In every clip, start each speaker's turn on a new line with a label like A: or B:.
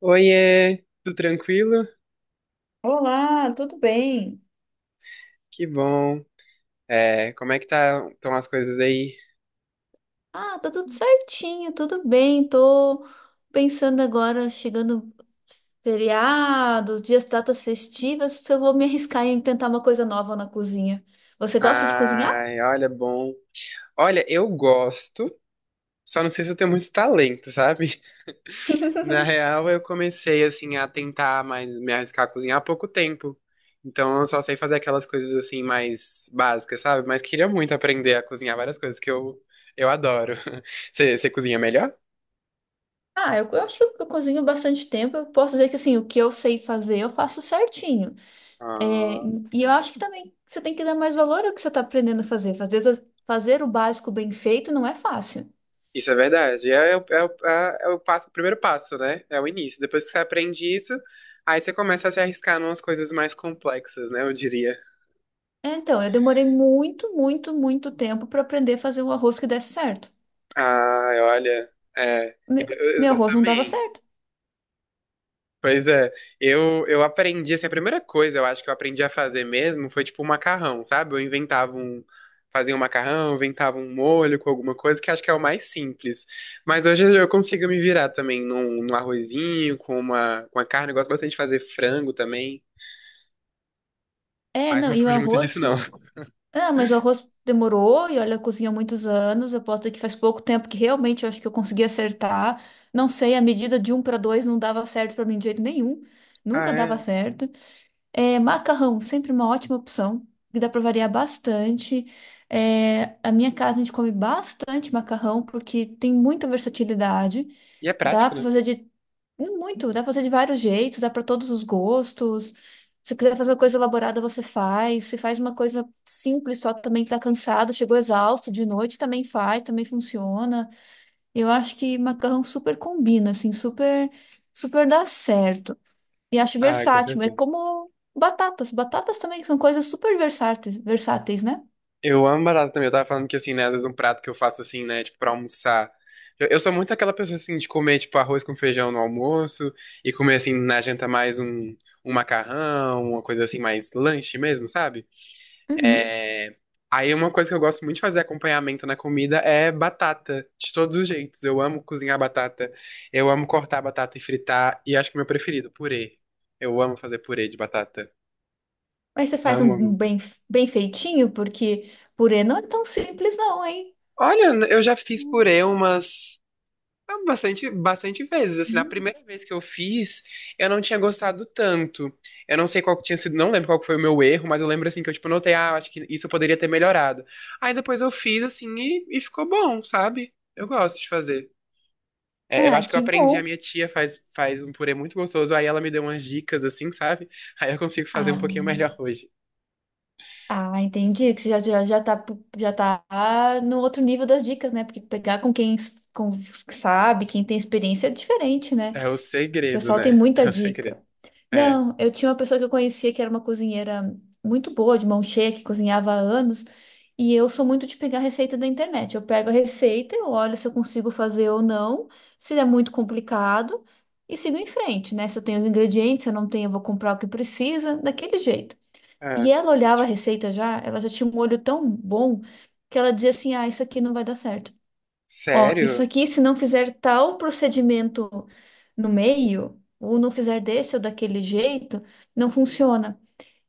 A: Oiê, tudo tranquilo?
B: Olá, tudo bem?
A: Que bom. Como é que estão as coisas aí?
B: Ah, tá tudo certinho, tudo bem. Tô pensando agora, chegando feriados, dias, datas festivas, se eu vou me arriscar em tentar uma coisa nova na cozinha. Você gosta de cozinhar?
A: Ai, olha, bom. Olha, eu gosto, só não sei se eu tenho muito talento, sabe? Na real, eu comecei, assim, a tentar mais me arriscar a cozinhar há pouco tempo. Então, eu só sei fazer aquelas coisas, assim, mais básicas, sabe? Mas queria muito aprender a cozinhar várias coisas que eu adoro. Você cozinha melhor?
B: Ah, eu acho que eu cozinho bastante tempo. Eu posso dizer que assim, o que eu sei fazer, eu faço certinho. É,
A: Ah.
B: e eu acho que também você tem que dar mais valor ao que você está aprendendo a fazer. Fazer o básico bem feito não é fácil.
A: Isso é verdade. É, é o- é, o- é, é o passo, o primeiro passo, né? É o início. Depois que você aprende isso, aí você começa a se arriscar em umas coisas mais complexas, né? Eu diria.
B: É, então, eu demorei muito, muito, muito tempo para aprender a fazer um arroz que desse certo.
A: Ah, olha. É, eu,
B: Me-
A: eu-
B: Meu
A: eu
B: arroz não dava
A: também.
B: certo.
A: Pois é. Eu aprendi, assim, a primeira coisa eu acho que eu aprendi a fazer mesmo foi tipo um macarrão, sabe? Eu inventava um. Fazia um macarrão, inventava um molho com alguma coisa, que acho que é o mais simples. Mas hoje eu consigo me virar também num arrozinho, com uma, com a carne. Eu gosto bastante de fazer frango também.
B: É,
A: Mas
B: não,
A: não
B: e o
A: fujo muito disso,
B: arroz.
A: não.
B: Ah, mas o arroz demorou, e olha, eu cozinho há muitos anos. Eu posso dizer que faz pouco tempo que realmente eu acho que eu consegui acertar. Não sei, a medida de um para dois não dava certo para mim de jeito nenhum.
A: Ah,
B: Nunca dava
A: é.
B: certo. É, macarrão, sempre uma ótima opção, que dá para variar bastante. É, a minha casa a gente come bastante macarrão, porque tem muita versatilidade.
A: E é
B: Dá
A: prático,
B: pra
A: né?
B: fazer de dá pra fazer de vários jeitos, dá pra todos os gostos. Se quiser fazer uma coisa elaborada, você faz. Se faz uma coisa simples, só também tá cansado, chegou exausto de noite, também faz, também funciona. Eu acho que macarrão super combina, assim, super, super dá certo. E acho
A: Ah, com
B: versátil, é
A: certeza.
B: como batatas. Batatas também são coisas super versáteis, versáteis, né?
A: Eu amo batata também. Eu tava falando que, assim, né, às vezes um prato que eu faço, assim, né, tipo, pra almoçar. Eu sou muito aquela pessoa, assim, de comer, tipo, arroz com feijão no almoço e comer, assim, na janta um macarrão, uma coisa assim, mais lanche mesmo, sabe?
B: Uhum.
A: É... Aí uma coisa que eu gosto muito de fazer acompanhamento na comida é batata, de todos os jeitos. Eu amo cozinhar batata, eu amo cortar batata e fritar, e acho que o meu preferido, purê. Eu amo fazer purê de batata.
B: Mas você faz
A: Amo,
B: um
A: amo.
B: bem, bem feitinho, porque purê não é tão simples, não, hein?
A: Olha, eu já fiz purê umas bastante vezes. Assim, na
B: Hum.
A: primeira vez que eu fiz, eu não tinha gostado tanto. Eu não sei qual que tinha sido, não lembro qual que foi o meu erro, mas eu lembro assim que eu tipo notei, ah, acho que isso eu poderia ter melhorado. Aí depois eu fiz assim e ficou bom, sabe? Eu gosto de fazer. É, eu
B: Ah,
A: acho que eu
B: que
A: aprendi, a
B: bom.
A: minha tia faz um purê muito gostoso, aí ela me deu umas dicas assim, sabe? Aí eu consigo fazer um pouquinho
B: Ah,
A: melhor hoje.
B: ah, entendi que você já tá, já tá no outro nível das dicas, né? Porque pegar com com os que sabe, quem tem experiência é diferente, né?
A: É o
B: O
A: segredo,
B: pessoal tem
A: né?
B: muita
A: É o segredo.
B: dica.
A: É.
B: Não, eu tinha uma pessoa que eu conhecia que era uma cozinheira muito boa, de mão cheia, que cozinhava há anos. E eu sou muito de pegar receita da internet. Eu pego a receita, eu olho se eu consigo fazer ou não, se é muito complicado, e sigo em frente, né? Se eu tenho os ingredientes, se eu não tenho, eu vou comprar o que precisa, daquele jeito. E
A: É.
B: ela olhava a
A: Ótimo.
B: receita já, ela já tinha um olho tão bom que ela dizia assim: ah, isso aqui não vai dar certo. Ó, isso
A: Sério?
B: aqui, se não fizer tal procedimento no meio, ou não fizer desse ou daquele jeito, não funciona.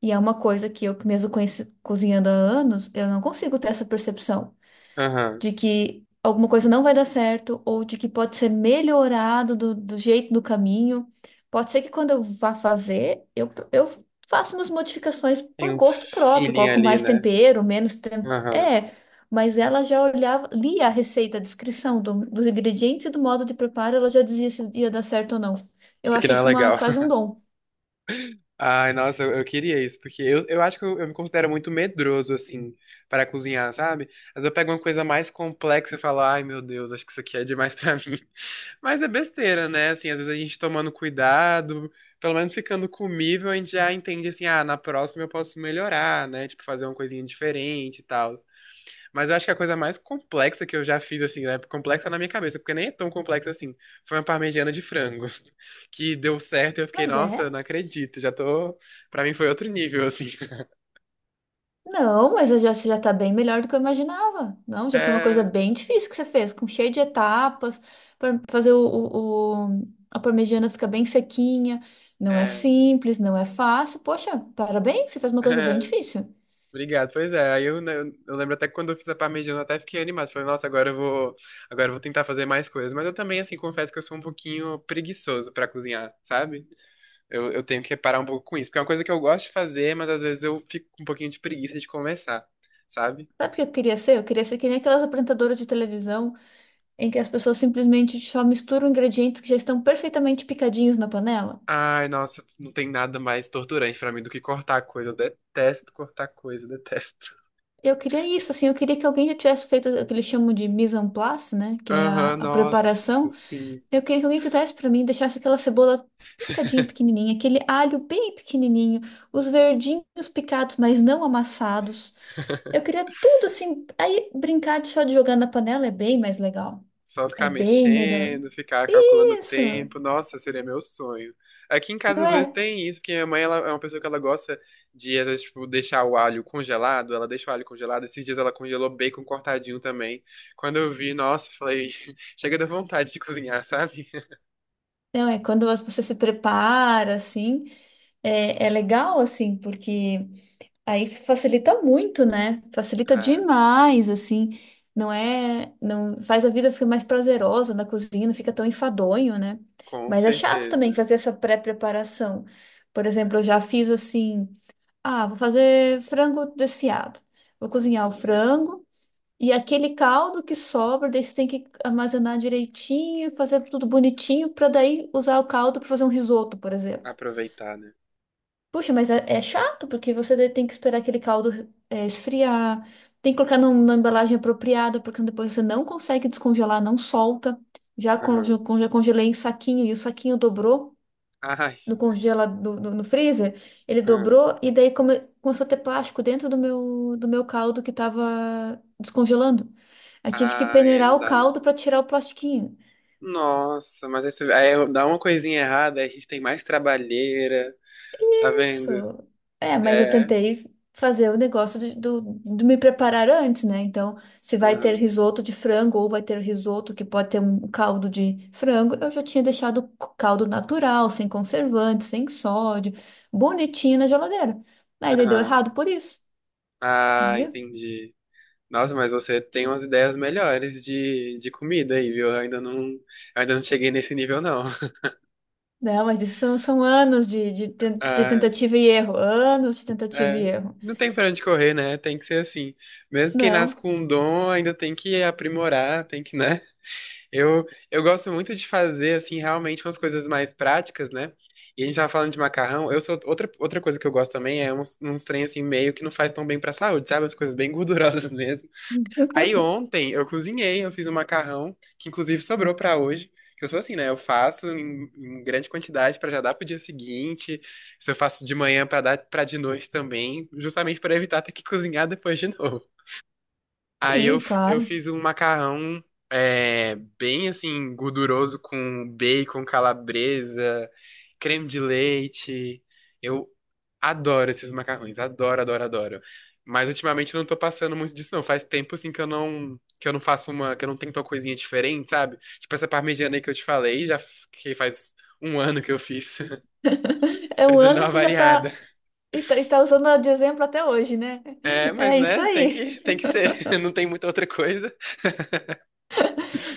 B: E é uma coisa que eu, que mesmo cozinhando há anos, eu não consigo ter essa percepção
A: Aham.
B: de que alguma coisa não vai dar certo ou de que pode ser melhorado do jeito do caminho. Pode ser que quando eu vá fazer, eu faço umas modificações
A: Tem
B: por
A: um
B: gosto próprio,
A: feeling
B: coloco
A: ali,
B: mais
A: né?
B: tempero, menos tempero.
A: Aham.
B: É, mas ela já olhava, lia a receita, a descrição dos ingredientes e do modo de preparo, ela já dizia se ia dar certo ou não. Eu
A: Isso aqui
B: achei
A: não é
B: isso uma,
A: legal.
B: quase um dom.
A: Ai, nossa, eu queria isso, porque eu acho que eu me considero muito medroso, assim, para cozinhar, sabe? Mas eu pego uma coisa mais complexa e falo, ai, meu Deus, acho que isso aqui é demais pra mim. Mas é besteira, né? Assim, às vezes a gente tomando cuidado, pelo menos ficando comível, a gente já entende, assim, ah, na próxima eu posso melhorar, né? Tipo, fazer uma coisinha diferente e tal. Mas eu acho que a coisa mais complexa que eu já fiz, assim, né? Complexa na minha cabeça, porque nem é tão complexa assim. Foi uma parmegiana de frango, que deu certo e eu fiquei,
B: Mas
A: nossa, eu
B: é.
A: não acredito, já tô. Pra mim foi outro nível, assim.
B: Não, mas eu já, você já tá bem melhor do que eu imaginava. Não, já foi uma coisa
A: É,
B: bem difícil que você fez, com cheio de etapas, para fazer a parmegiana ficar bem sequinha. Não é
A: é,
B: simples, não é fácil. Poxa, parabéns, você fez uma coisa bem difícil.
A: Obrigado. Pois é, aí eu, né, eu lembro até que quando eu fiz a parmegiana eu até fiquei animado. Falei, nossa, agora eu vou tentar fazer mais coisas. Mas eu também, assim, confesso que eu sou um pouquinho preguiçoso pra cozinhar, sabe? Eu tenho que parar um pouco com isso, porque é uma coisa que eu gosto de fazer, mas às vezes eu fico com um pouquinho de preguiça de começar, sabe?
B: Sabe o que eu queria ser? Eu queria ser que nem aquelas apresentadoras de televisão em que as pessoas simplesmente só misturam ingredientes que já estão perfeitamente picadinhos na panela.
A: Ai, nossa, não tem nada mais torturante pra mim do que cortar coisa. Eu detesto cortar coisa, detesto.
B: Eu queria isso, assim, eu queria que alguém já tivesse feito o que eles chamam de mise en place, né? Que é a
A: Aham,
B: a
A: nossa,
B: preparação.
A: assim,
B: Eu queria que alguém fizesse pra mim, deixasse aquela cebola picadinha pequenininha, aquele alho bem pequenininho, os verdinhos picados, mas não amassados. Eu queria tudo assim. Aí brincar de só de jogar na panela é bem mais legal.
A: só
B: É
A: ficar
B: bem melhor.
A: mexendo, ficar calculando o
B: Isso,
A: tempo, nossa, seria meu sonho. Aqui em casa
B: não
A: às vezes
B: é?
A: tem isso, porque minha mãe ela é uma pessoa que ela gosta de, às vezes, tipo, deixar o alho congelado, ela deixa o alho congelado, esses dias ela congelou bacon cortadinho também. Quando eu vi, nossa, falei, chega da vontade de cozinhar, sabe?
B: Não é? Quando você se prepara assim, é, é legal assim, porque aí facilita muito, né? Facilita
A: Ah,
B: demais, assim. Não é, não faz a vida ficar mais prazerosa na cozinha, não fica tão enfadonho, né?
A: com
B: Mas é chato também
A: certeza,
B: fazer essa pré-preparação. Por exemplo, eu já fiz assim, ah, vou fazer frango desfiado. Vou cozinhar o frango e aquele caldo que sobra, daí você tem que armazenar direitinho, fazer tudo bonitinho para daí usar o caldo para fazer um risoto, por exemplo.
A: aproveitar, né?
B: Puxa, mas é, é chato, porque você tem que esperar aquele caldo é, esfriar, tem que colocar numa embalagem apropriada, porque depois você não consegue descongelar, não solta.
A: Aham.
B: Já congelei em saquinho e o saquinho dobrou
A: Ai.
B: no no freezer, ele
A: Ah.
B: dobrou e daí começou a ter plástico dentro do meu caldo que estava descongelando. Eu tive que
A: Ai, aí
B: peneirar
A: não
B: o
A: dá, né?
B: caldo para tirar o plastiquinho.
A: Nossa, mas aí, aí dá uma coisinha errada, aí a gente tem mais trabalheira, tá
B: Isso.
A: vendo?
B: É, mas eu
A: É.
B: tentei fazer o negócio de me preparar antes, né? Então, se vai ter
A: Aham.
B: risoto de frango ou vai ter risoto que pode ter um caldo de frango, eu já tinha deixado o caldo natural, sem conservante, sem sódio, bonitinho na geladeira. Aí daí deu
A: Aham.
B: errado por isso,
A: Ah,
B: viu?
A: entendi. Nossa, mas você tem umas ideias melhores de comida aí, viu? Eu ainda não cheguei nesse nível, não.
B: Não, mas isso são, são anos de
A: Ah,
B: tentativa e erro, anos de tentativa e
A: é.
B: erro.
A: Não tem pra onde correr, né? Tem que ser assim. Mesmo quem nasce
B: Não.
A: com um dom, ainda tem que aprimorar, tem que, né? Eu, eu gosto muito de fazer, assim, realmente umas coisas mais práticas, né? E a gente tava falando de macarrão. Eu sou outra coisa que eu gosto também é uns trem assim meio que não faz tão bem pra saúde, sabe? Umas coisas bem gordurosas mesmo. Aí ontem eu cozinhei, eu fiz um macarrão que inclusive sobrou pra hoje. Que eu sou assim, né? Eu faço em grande quantidade pra já dar pro dia seguinte. Se eu faço de manhã pra dar para de noite também, justamente pra evitar ter que cozinhar depois de novo. Aí eu,
B: Sim,
A: eu
B: claro.
A: fiz um macarrão é, bem assim, gorduroso com bacon, calabresa, creme de leite. Eu adoro esses macarrões, adoro, adoro, adoro. Mas ultimamente eu não tô passando muito disso, não. Faz tempo assim que eu não faço uma, que eu não tento uma coisinha diferente, sabe? Tipo essa parmegiana aí que eu te falei, que faz um ano que eu fiz.
B: É um
A: Precisando dar
B: ano e
A: uma
B: você já
A: variada.
B: tá. E está usando de exemplo até hoje, né?
A: É, mas
B: É isso
A: né,
B: aí.
A: tem que ser. Não tem muita outra coisa.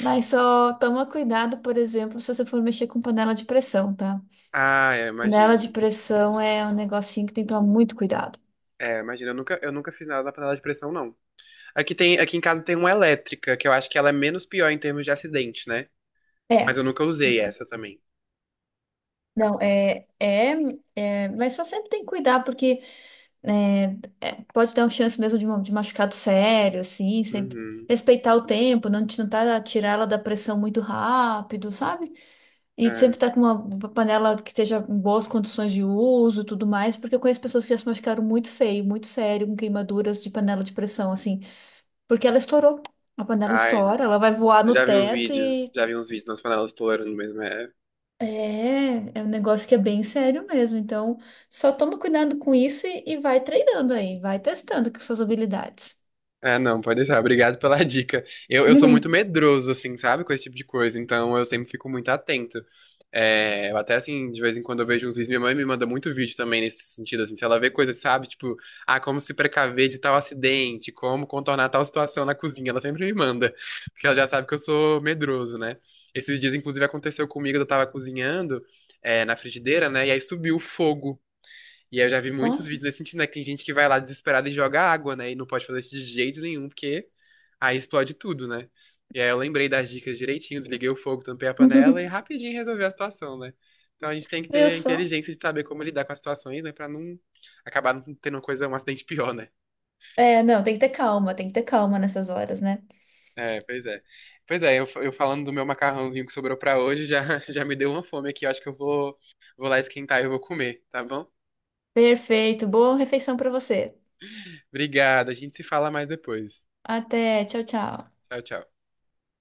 B: Mas só toma cuidado, por exemplo, se você for mexer com panela de pressão, tá?
A: Ah, é,
B: Panela
A: imagino.
B: de pressão é um negocinho que tem que tomar muito cuidado.
A: É, imagina, eu nunca fiz nada na panela de pressão, não. Aqui em casa tem uma elétrica, que eu acho que ela é menos pior em termos de acidente, né? Mas
B: É.
A: eu nunca usei essa também.
B: Não, mas só sempre tem que cuidar, porque é, pode dar uma chance mesmo de machucado sério, assim, sempre
A: Uhum.
B: respeitar o tempo, não, tirar ela da pressão muito rápido, sabe? E sempre
A: É.
B: tá com uma panela que esteja em boas condições de uso e tudo mais, porque eu conheço pessoas que já se machucaram muito feio, muito sério, com queimaduras de panela de pressão, assim, porque ela estourou. A panela
A: Ai, não.
B: estoura, ela vai voar
A: Eu
B: no
A: já vi uns
B: teto
A: vídeos,
B: e
A: já vi uns vídeos nas panelas estourando mesmo. É.
B: é um negócio que é bem sério mesmo. Então, só toma cuidado com isso e vai treinando aí, vai testando com suas habilidades.
A: Ah, não, pode deixar. Obrigado pela dica. Eu sou muito medroso, assim, sabe, com esse tipo de coisa, então eu sempre fico muito atento. É, eu até, assim, de vez em quando eu vejo uns vídeos, minha mãe me manda muito vídeo também nesse sentido, assim, se ela vê coisas, sabe, tipo, ah, como se precaver de tal acidente, como contornar tal situação na cozinha, ela sempre me manda, porque ela já sabe que eu sou medroso, né? Esses dias, inclusive, aconteceu comigo, eu tava cozinhando, é, na frigideira, né, e aí subiu o fogo. E aí eu já vi muitos
B: Nossa,
A: vídeos nesse sentido, né? Que tem gente que vai lá desesperada e joga água, né? E não pode fazer isso de jeito nenhum, porque aí explode tudo, né? E aí eu lembrei das dicas direitinho, desliguei o fogo, tampei a panela e rapidinho resolvi a situação, né? Então a gente tem que
B: viu
A: ter
B: só?
A: inteligência de saber como lidar com as situações, né? Pra não acabar não tendo uma coisa, um acidente pior, né?
B: É, não, tem que ter calma, tem que ter calma nessas horas, né?
A: É, pois é. Pois é, eu falando do meu macarrãozinho que sobrou pra hoje, já, já me deu uma fome aqui. Eu acho que eu vou, vou lá esquentar e eu vou comer, tá bom?
B: Perfeito, boa refeição pra você.
A: Obrigado, a gente se fala mais depois.
B: Até, tchau, tchau.
A: Tchau, tchau.